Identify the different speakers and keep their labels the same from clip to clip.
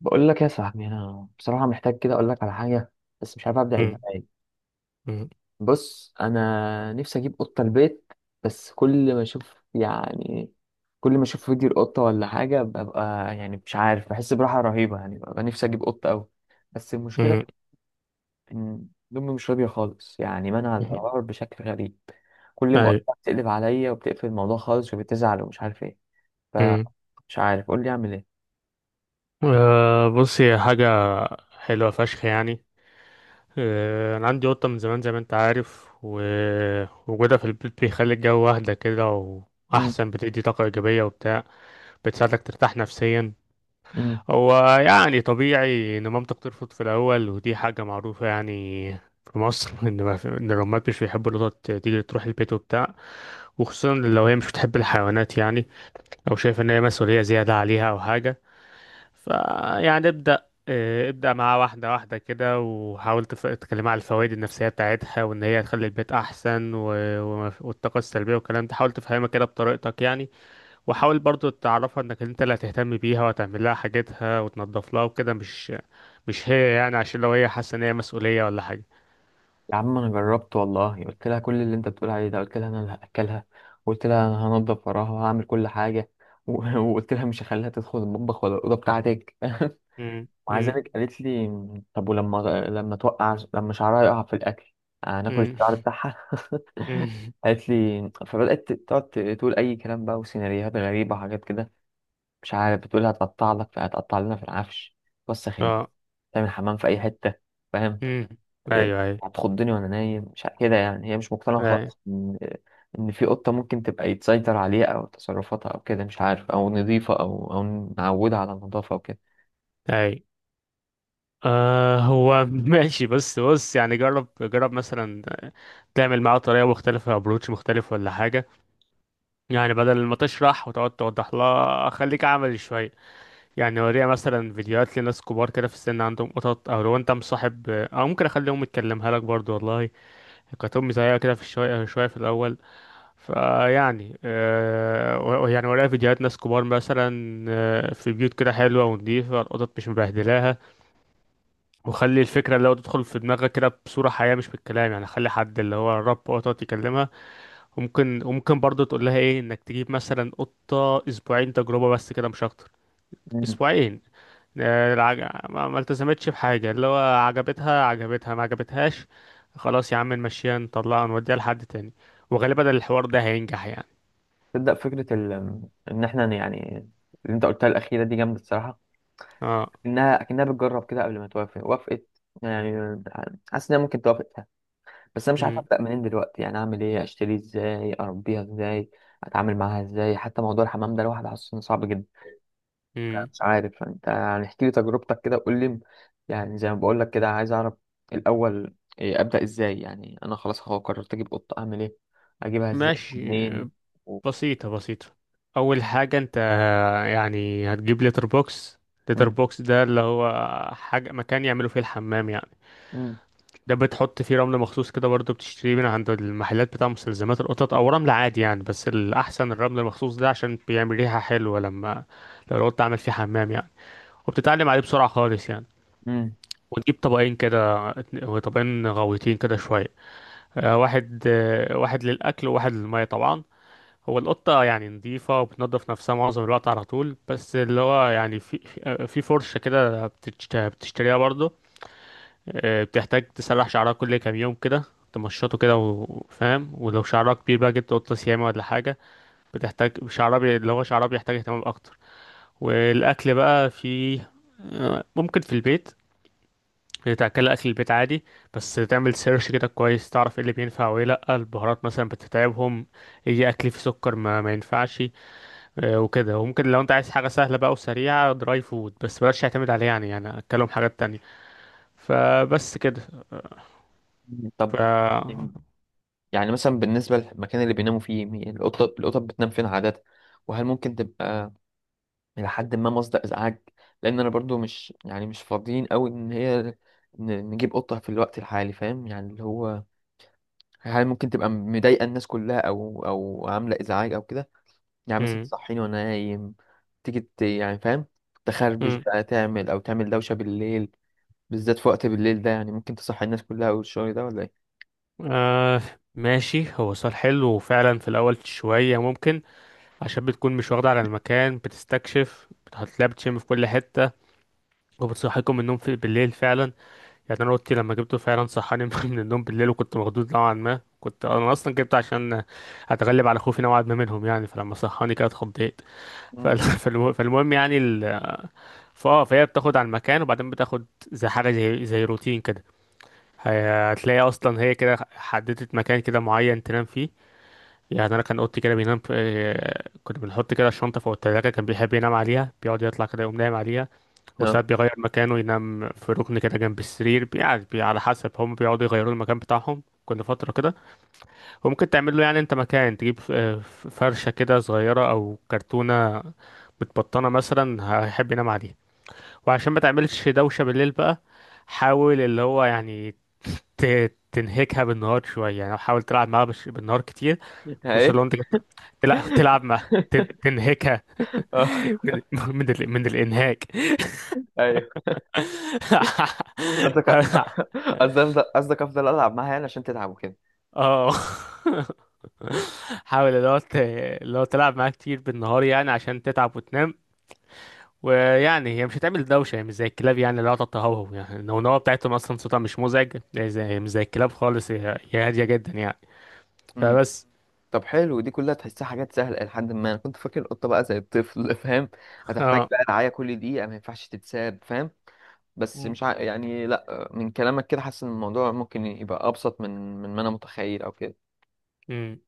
Speaker 1: بقول لك يا صاحبي، انا بصراحه محتاج كده اقول لك على حاجه بس مش عارف ابدا
Speaker 2: مم.
Speaker 1: ازاي.
Speaker 2: مم.
Speaker 1: بص، انا نفسي اجيب قطه البيت، بس كل ما اشوف كل ما اشوف فيديو القطه ولا حاجه ببقى مش عارف بحس براحه رهيبه، يعني ببقى نفسي اجيب قطه قوي. بس المشكله
Speaker 2: مم.
Speaker 1: ان امي مش راضيه خالص، يعني منع
Speaker 2: مم.
Speaker 1: القرار بشكل غريب. كل ما اقول
Speaker 2: أيوة.
Speaker 1: لها بتقلب عليا وبتقفل الموضوع خالص وبتزعل ومش عارف ايه.
Speaker 2: مم.
Speaker 1: فمش عارف، قول لي اعمل ايه.
Speaker 2: آه، بص هي حاجة حلوة فشخ يعني. آه، أنا عندي قطة من زمان زي ما أنت عارف، ووجودها في البيت بيخلي الجو أهدى كده وأحسن، بتدي طاقة إيجابية وبتاع، بتساعدك ترتاح نفسيا.
Speaker 1: امم
Speaker 2: هو يعني طبيعي إن مامتك ترفض في الأول، ودي حاجة معروفة يعني في مصر إن ما في- إن الأمهات مش بيحبوا القطط تيجي تروح البيت وبتاع، وخصوصا لو هي مش بتحب الحيوانات يعني، أو شايفة إن هي مسؤولية زيادة عليها أو حاجة. فيعني ابدأ، آه، ابدأ معاه واحدة واحدة كده، وحاول تكلمها على الفوائد النفسية بتاعتها، وإن هي هتخلي البيت أحسن والطاقة السلبية والكلام ده، حاول تفهمها كده بطريقتك يعني. وحاول برضو تعرفها إنك أنت اللي هتهتم بيها وهتعمل لها حاجتها وتنظف لها وكده، مش هي يعني، عشان لو هي حاسة إن هي مسؤولية ولا حاجة.
Speaker 1: يا عم انا جربت والله، قلت لها كل اللي انت بتقول عليه ده، قلت لها انا اللي هاكلها، وقلت لها انا هنضف وراها وهعمل كل حاجه، وقلت لها مش هخليها تدخل المطبخ ولا الاوضه بتاعتك
Speaker 2: مم،
Speaker 1: ومع
Speaker 2: مم،
Speaker 1: ذلك قالت لي، طب ولما توقع، لما شعرها يقع في الاكل، هناكل
Speaker 2: مم،
Speaker 1: الشعر بتاعها؟
Speaker 2: مم.
Speaker 1: قالت لي. فبدات تقعد تقول اي كلام بقى وسيناريوهات غريبه وحاجات كده، مش عارف، بتقول هتقطع لك، فهتقطع لنا في العفش، توسخ
Speaker 2: اه.
Speaker 1: تعمل حمام في اي حته، فاهم؟
Speaker 2: مم.
Speaker 1: إيه،
Speaker 2: أيوه، أيوه،
Speaker 1: هتخضني وانا نايم، مش كده يعني. هي مش مقتنعه
Speaker 2: أيوه،
Speaker 1: خالص ان في قطه ممكن تبقى يتسيطر عليها او تصرفاتها او كده، مش عارف، او نظيفه او نعودها على النظافه او كده.
Speaker 2: أيوه. آه، هو ماشي. بس بص يعني، جرب جرب مثلا تعمل معاه طريقة مختلفة، ابروتش مختلف ولا حاجة، يعني بدل ما تشرح وتقعد توضح لها، خليك عملي شوية، يعني وريها مثلا فيديوهات لناس كبار كده في السن عندهم قطط، او لو انت مصاحب او ممكن اخليهم يتكلمها لك برضو. والله كانت امي زيها كده في، شوية شوية في الاول. فيعني آه يعني ورايا فيديوهات ناس كبار مثلا، آه، في بيوت كده حلوة ونضيفة، القطط مش مبهدلاها، وخلي الفكرة اللي هو تدخل في دماغك كده بصورة حقيقية مش بالكلام، يعني خلي حد اللي هو الرب او تقعد تكلمها. وممكن وممكن برضه تقول لها ايه، انك تجيب مثلا قطة اسبوعين تجربة بس، كده مش اكتر.
Speaker 1: مم.
Speaker 2: اسبوعين، آه، ما التزمتش بحاجة، اللي هو عجبتها عجبتها ما عجبتهاش، خلاص يا عم نمشيها نطلعها نوديها لحد تاني. وغالبا الحوار ده هينجح يعني.
Speaker 1: تبدا فكره ال... ان احنا يعني، اللي انت قلتها الاخيره دي جامده الصراحه.
Speaker 2: اه.
Speaker 1: انها اكنها بتجرب كده قبل ما توافق، وافقت يعني. حاسس انها ممكن توافق فيها. بس انا مش عارف
Speaker 2: امم.
Speaker 1: ابدا منين دلوقتي، يعني اعمل ايه، اشتري ازاي، اربيها ازاي، اتعامل معاها ازاي. حتى موضوع الحمام ده لوحده حاسس إنه صعب جدا.
Speaker 2: امم،
Speaker 1: مش عارف، انت يعني احكي لي تجربتك كده وقول لي، يعني زي ما بقول لك كده عايز اعرف الاول إيه، ابدا ازاي؟ يعني انا خلاص هو قررت اجيب قطه، اعمل ايه، اجيبها ازاي،
Speaker 2: ماشي،
Speaker 1: منين؟ و...
Speaker 2: بسيطة بسيطة. أول حاجة أنت يعني هتجيب لتر بوكس. لتر
Speaker 1: مم.
Speaker 2: بوكس ده اللي هو حاجة، مكان يعملوا فيه الحمام يعني.
Speaker 1: مم.
Speaker 2: ده بتحط فيه رمل مخصوص كده، برضه بتشتريه من عند المحلات بتاع مستلزمات القطط، أو رمل عادي يعني، بس الأحسن الرمل المخصوص ده عشان بيعمل ريحة حلوة لما لو القط عمل فيه حمام يعني. وبتتعلم عليه بسرعة خالص يعني.
Speaker 1: مم.
Speaker 2: وتجيب طبقين كده، طبقين غويطين كده شوية، آه، واحد، آه، واحد للأكل وواحد للمية طبعا. هو القطة يعني نظيفة وبتنظف نفسها معظم الوقت على طول، بس اللي هو يعني في في فرشة كده بتشتريها برضه، آه، بتحتاج تسرح شعرها كل كام يوم كده، تمشطه كده وفاهم، ولو شعرها كبير بقى جبت قطة سيامة ولا حاجة، بتحتاج شعرها اللي هو شعرها بيحتاج اهتمام أكتر. والأكل بقى، في، آه، ممكن في البيت تاكل اكل البيت عادي، بس تعمل سيرش كده كويس تعرف ايه اللي بينفع وايه لا، البهارات مثلا بتتعبهم، ايه، اكل فيه سكر ما ينفعش، آه، وكده. وممكن لو انت عايز حاجة سهلة بقى وسريعة، دراي فود، بس بلاش تعتمد عليه يعني، يعني اتكلم حاجات تانية. فبس كده.
Speaker 1: مم.
Speaker 2: ف
Speaker 1: طب، يعني مثلا بالنسبه للمكان اللي بيناموا فيه، القطه، القطط بتنام فين عاده؟ وهل ممكن تبقى الى حد ما مصدر ازعاج؟ لان انا برضو مش يعني مش فاضيين قوي ان هي نجيب قطه في الوقت الحالي، فاهم؟ يعني اللي هو، هل ممكن تبقى مضايقه الناس كلها او او عامله ازعاج او كده؟ يعني مثلا
Speaker 2: مم.
Speaker 1: تصحيني وانا نايم، تيجي يعني، فاهم، تخربش
Speaker 2: مم.
Speaker 1: بقى، تعمل او تعمل دوشه بالليل، بالذات في وقت بالليل ده، يعني ممكن تصحي الناس كلها والشغل ده ولا ايه؟
Speaker 2: آه، ماشي، هو سؤال حلو وفعلا في الأول شوية ممكن، عشان بتكون مش واخدة على المكان، بتستكشف، هتلاقي بتشم في كل حتة، وبتصحيكم من النوم في بالليل فعلا. يعني أنا أوضتي لما جبته فعلا صحاني من النوم بالليل، وكنت مخضوض نوعا ما، كنت أنا أصلا جبته عشان أتغلب على خوفي نوعا ما منهم يعني، فلما صحاني كده اتخضيت.
Speaker 1: مم.
Speaker 2: فال- فالمهم يعني فهي بتاخد على المكان، وبعدين بتاخد زي حاجه، زي زي روتين كده. هتلاقي اصلا هي كده حددت مكان كده معين تنام فيه، يعني انا كان اوضتي كده بينام في... آه، كنا بنحط كده الشنطه فوق التلاجه، كان بيحب ينام عليها، بيقعد يطلع كده يقوم نايم عليها.
Speaker 1: اه.
Speaker 2: وساعات بيغير مكانه، ينام في ركن كده جنب السرير، يعني على حسب، هم بيقعدوا يغيروا المكان بتاعهم كل فتره كده. وممكن تعمل له يعني انت مكان، تجيب فرشة كده صغيرة او كرتونة متبطنة مثلا، هيحب ينام عليها. وعشان ما تعملش دوشة بالليل بقى، حاول اللي هو يعني تنهكها بالنهار شوية، يعني حاول تلعب معاها بالنهار كتير، خصوصا
Speaker 1: ايه.
Speaker 2: لو انت تلعب تلعب معاها، تنهكها
Speaker 1: اه.
Speaker 2: من من الانهاك.
Speaker 1: ايوه، قصدك، قصدك افضل العب معاها يعني عشان تتعب وكده؟
Speaker 2: اه. حاول اللي هو، اللي هو تلعب معاها كتير بالنهار يعني عشان تتعب وتنام. ويعني هي مش هتعمل دوشة، هي مش زي الكلاب يعني، اللي هو تتهوهو، يعني النونوة بتاعتهم أصلا صوتها مش مزعج، هي زي، مش زي الكلاب خالص، هي هي هادية جدا يعني.
Speaker 1: امم.
Speaker 2: فبس.
Speaker 1: طب حلو، دي كلها تحسها حاجات سهله. لحد ما انا كنت فاكر القطه بقى زي الطفل فاهم، هتحتاج
Speaker 2: اه.
Speaker 1: بقى رعايه كل دقيقه، ما ينفعش تتساب، فاهم؟ بس
Speaker 2: مم.
Speaker 1: مش ع... يعني لا، من كلامك كده حاسس ان الموضوع ممكن يبقى ابسط من ما انا متخيل او كده.
Speaker 2: امم.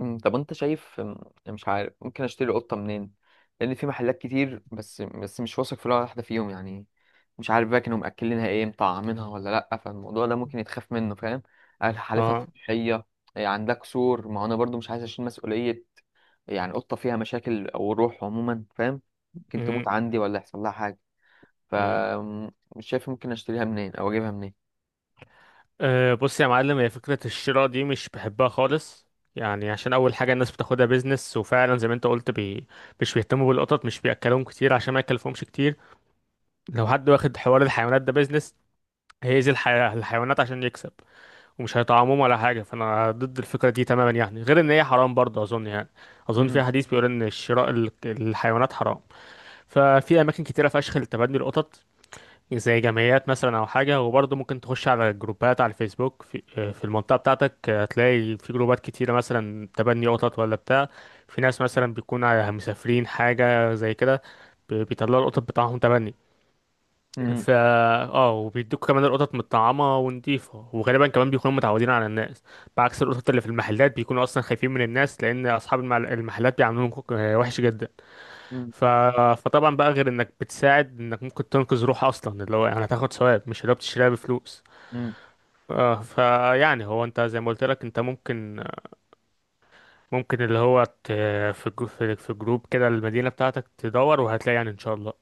Speaker 1: أمم، طب انت شايف؟ أمم، مش عارف ممكن اشتري قطة منين. لان في محلات كتير، بس مش واثق في ولا واحدة فيهم يعني. مش عارف بقى كانوا مأكلينها ايه، مطعمينها ولا لا، فالموضوع ده ممكن يتخاف منه، فاهم؟ هل حالتها
Speaker 2: اه.
Speaker 1: صحية؟ إيه، عندها كسور؟ ما هو انا برضو مش عايز اشيل مسؤولية، يعني قطة فيها مشاكل او روح عموما، فاهم، ممكن
Speaker 2: امم.
Speaker 1: تموت عندي ولا يحصل لها حاجة.
Speaker 2: امم.
Speaker 1: فمش شايف ممكن اشتريها منين او اجيبها منين.
Speaker 2: أه، بص يا معلم، هي فكرة الشراء دي مش بحبها خالص، يعني عشان أول حاجة الناس بتاخدها بيزنس، وفعلا زي ما أنت قلت، بي، مش بيهتموا بالقطط، مش بيأكلوهم كتير عشان ما يكلفهمش كتير. لو حد واخد حوار الحيوانات ده بيزنس، هيأذي الحيوانات عشان يكسب، ومش هيطعموهم ولا حاجة. فأنا ضد الفكرة دي تماما يعني، غير إن هي حرام برضه أظن يعني. أظن في
Speaker 1: مم.
Speaker 2: حديث بيقول إن شراء الحيوانات حرام. ففي أماكن كتيرة فشخ لتبني القطط، زي جمعيات مثلا أو حاجة، وبرضه ممكن تخش على جروبات على الفيسبوك في المنطقة بتاعتك، هتلاقي في جروبات كتيرة مثلا تبني قطط ولا بتاع، في ناس مثلا بيكونوا مسافرين حاجة زي كده، بيطلعوا القطط بتاعهم تبني. ف
Speaker 1: مم.
Speaker 2: اه، وبيدوك كمان القطط متطعمه ونضيفه، وغالبا كمان بيكونوا متعودين على الناس، بعكس القطط اللي في المحلات بيكونوا اصلا خايفين من الناس، لان اصحاب المحلات بيعاملوهم وحش جدا.
Speaker 1: مم.
Speaker 2: ف... فطبعا بقى، غير انك بتساعد، انك ممكن تنقذ روح اصلا، اللي هو يعني هتاخد ثواب، مش اللي هو بتشتريها بفلوس.
Speaker 1: مم.
Speaker 2: آه، فيعني هو انت زي ما قلت لك، انت ممكن، ممكن اللي هو ت، في جو... في في جروب كده المدينه بتاعتك تدور، وهتلاقي يعني ان شاء الله.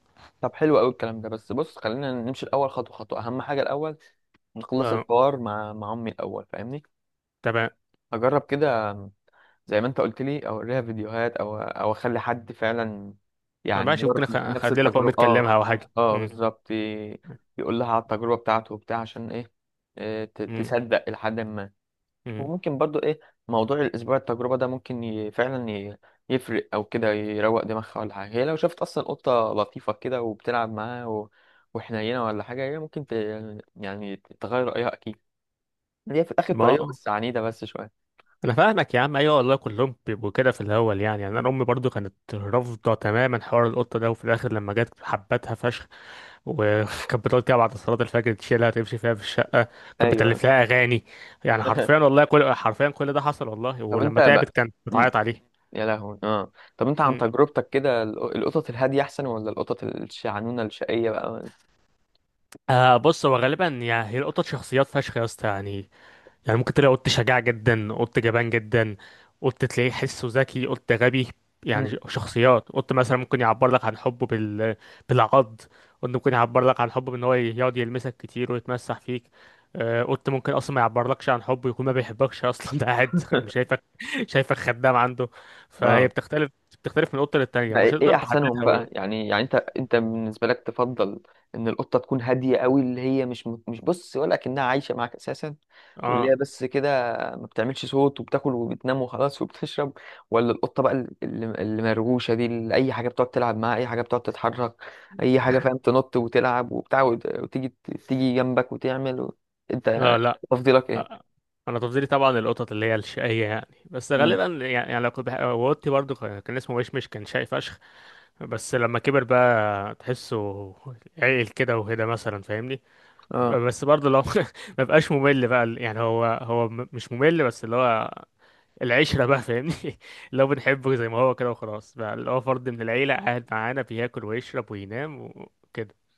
Speaker 1: طب حلو قوي الكلام ده، بس بص، خلينا نمشي الاول خطوه خطوه. اهم حاجه الاول نخلص
Speaker 2: آه،
Speaker 1: الحوار مع امي الاول، فاهمني؟
Speaker 2: تمام.
Speaker 1: اجرب كده زي ما انت قلت لي، او اوريها فيديوهات، او او اخلي حد فعلا يعني
Speaker 2: ماشي،
Speaker 1: يمر
Speaker 2: ممكن
Speaker 1: نفس
Speaker 2: اخلي لك اقوم
Speaker 1: التجربه،
Speaker 2: اتكلمها
Speaker 1: اه.
Speaker 2: او حاجه.
Speaker 1: اه
Speaker 2: مم.
Speaker 1: بالظبط، يقول لها على التجربه بتاعته وبتاع، عشان ايه، إيه،
Speaker 2: مم.
Speaker 1: تصدق لحد ما.
Speaker 2: مم.
Speaker 1: وممكن برضو ايه، موضوع الاسبوع التجربه ده ممكن ي... فعلا ي... يفرق، او كده يروق دماغها ولا حاجه. هي لو شافت اصلا قطه لطيفه كده وبتلعب معاها و... وحنينه ولا حاجه، هي ممكن ت... يعني تغير رايها اكيد. هي في الاخر
Speaker 2: ما
Speaker 1: طريقه،
Speaker 2: آه.
Speaker 1: بس عنيده بس شويه.
Speaker 2: انا فاهمك يا عم، ايوه والله كلهم بيبقوا كده في الاول، يعني يعني
Speaker 1: مم.
Speaker 2: انا امي برضو كانت رافضه تماما حوار القطه ده، وفي الاخر لما جت حبتها فشخ. وكانت بتقعد كده بعد صلاه الفجر تشيلها تمشي فيها في الشقه، كانت
Speaker 1: ايوه.
Speaker 2: بتألف لها اغاني، يعني حرفيا والله، كل حرفيا كل ده حصل والله،
Speaker 1: طب انت
Speaker 2: ولما تعبت
Speaker 1: بقى.
Speaker 2: كانت
Speaker 1: مم.
Speaker 2: بتعيط عليه.
Speaker 1: يا لهوي، اه. طب انت عن
Speaker 2: مم.
Speaker 1: تجربتك كده، القطط الهاديه احسن ولا القطط الشعنونه الشقيه بقى؟
Speaker 2: آه، بص، هو غالبا يعني، هي القطط شخصيات فشخ يا اسطى يعني، يعني ممكن تلاقي قط شجاع جدا، قط جبان جدا، قط تلاقيه حسه ذكي، قط غبي، يعني
Speaker 1: مم.
Speaker 2: شخصيات. قط مثلا ممكن يعبر لك عن حبه بالعض، قط ممكن يعبر لك عن حبه بان هو يقعد يلمسك كتير ويتمسح فيك، آه، قط ممكن اصلا ما يعبرلكش عن حبه، يكون ما بيحبكش اصلا ده قاعد مش شايفك، شايفك خدام عنده. فهي
Speaker 1: اه.
Speaker 2: بتختلف، بتختلف من قطه للتانيه،
Speaker 1: بقى
Speaker 2: ومش
Speaker 1: ايه، إيه
Speaker 2: هتقدر
Speaker 1: احسنهم
Speaker 2: تحددها قوي.
Speaker 1: بقى يعني؟ يعني انت، انت بالنسبه لك تفضل ان القطه تكون هاديه قوي، اللي هي مش مش بص ولا كأنها عايشه معاك اساسا، واللي
Speaker 2: اه.
Speaker 1: هي بس كده ما بتعملش صوت وبتاكل وبتنام وخلاص وبتشرب، ولا القطه بقى اللي مرغوشه دي، اللي اي حاجه بتقعد تلعب معاها، اي حاجه بتقعد تتحرك، اي حاجه فاهم، تنط وتلعب وبتاع وتيجي، تيجي جنبك وتعمل و... انت
Speaker 2: اه، لا،
Speaker 1: تفضيلك
Speaker 2: آه،
Speaker 1: ايه؟
Speaker 2: انا تفضيلي طبعا القطط اللي هي الشقيه يعني، بس غالبا يعني لو كنت وقتي برضو كان اسمه مشمش، كان شقي فشخ، بس لما كبر بقى تحسه عقل كده وهدا مثلا فاهمني.
Speaker 1: مم.
Speaker 2: بس برضو لو ما بقاش ممل بقى يعني، هو مش ممل، بس اللي هو العشره بقى فاهمني اللي هو بنحبه زي ما هو كده وخلاص بقى، اللي هو فرد من العيله قاعد معانا بياكل ويشرب وينام وكده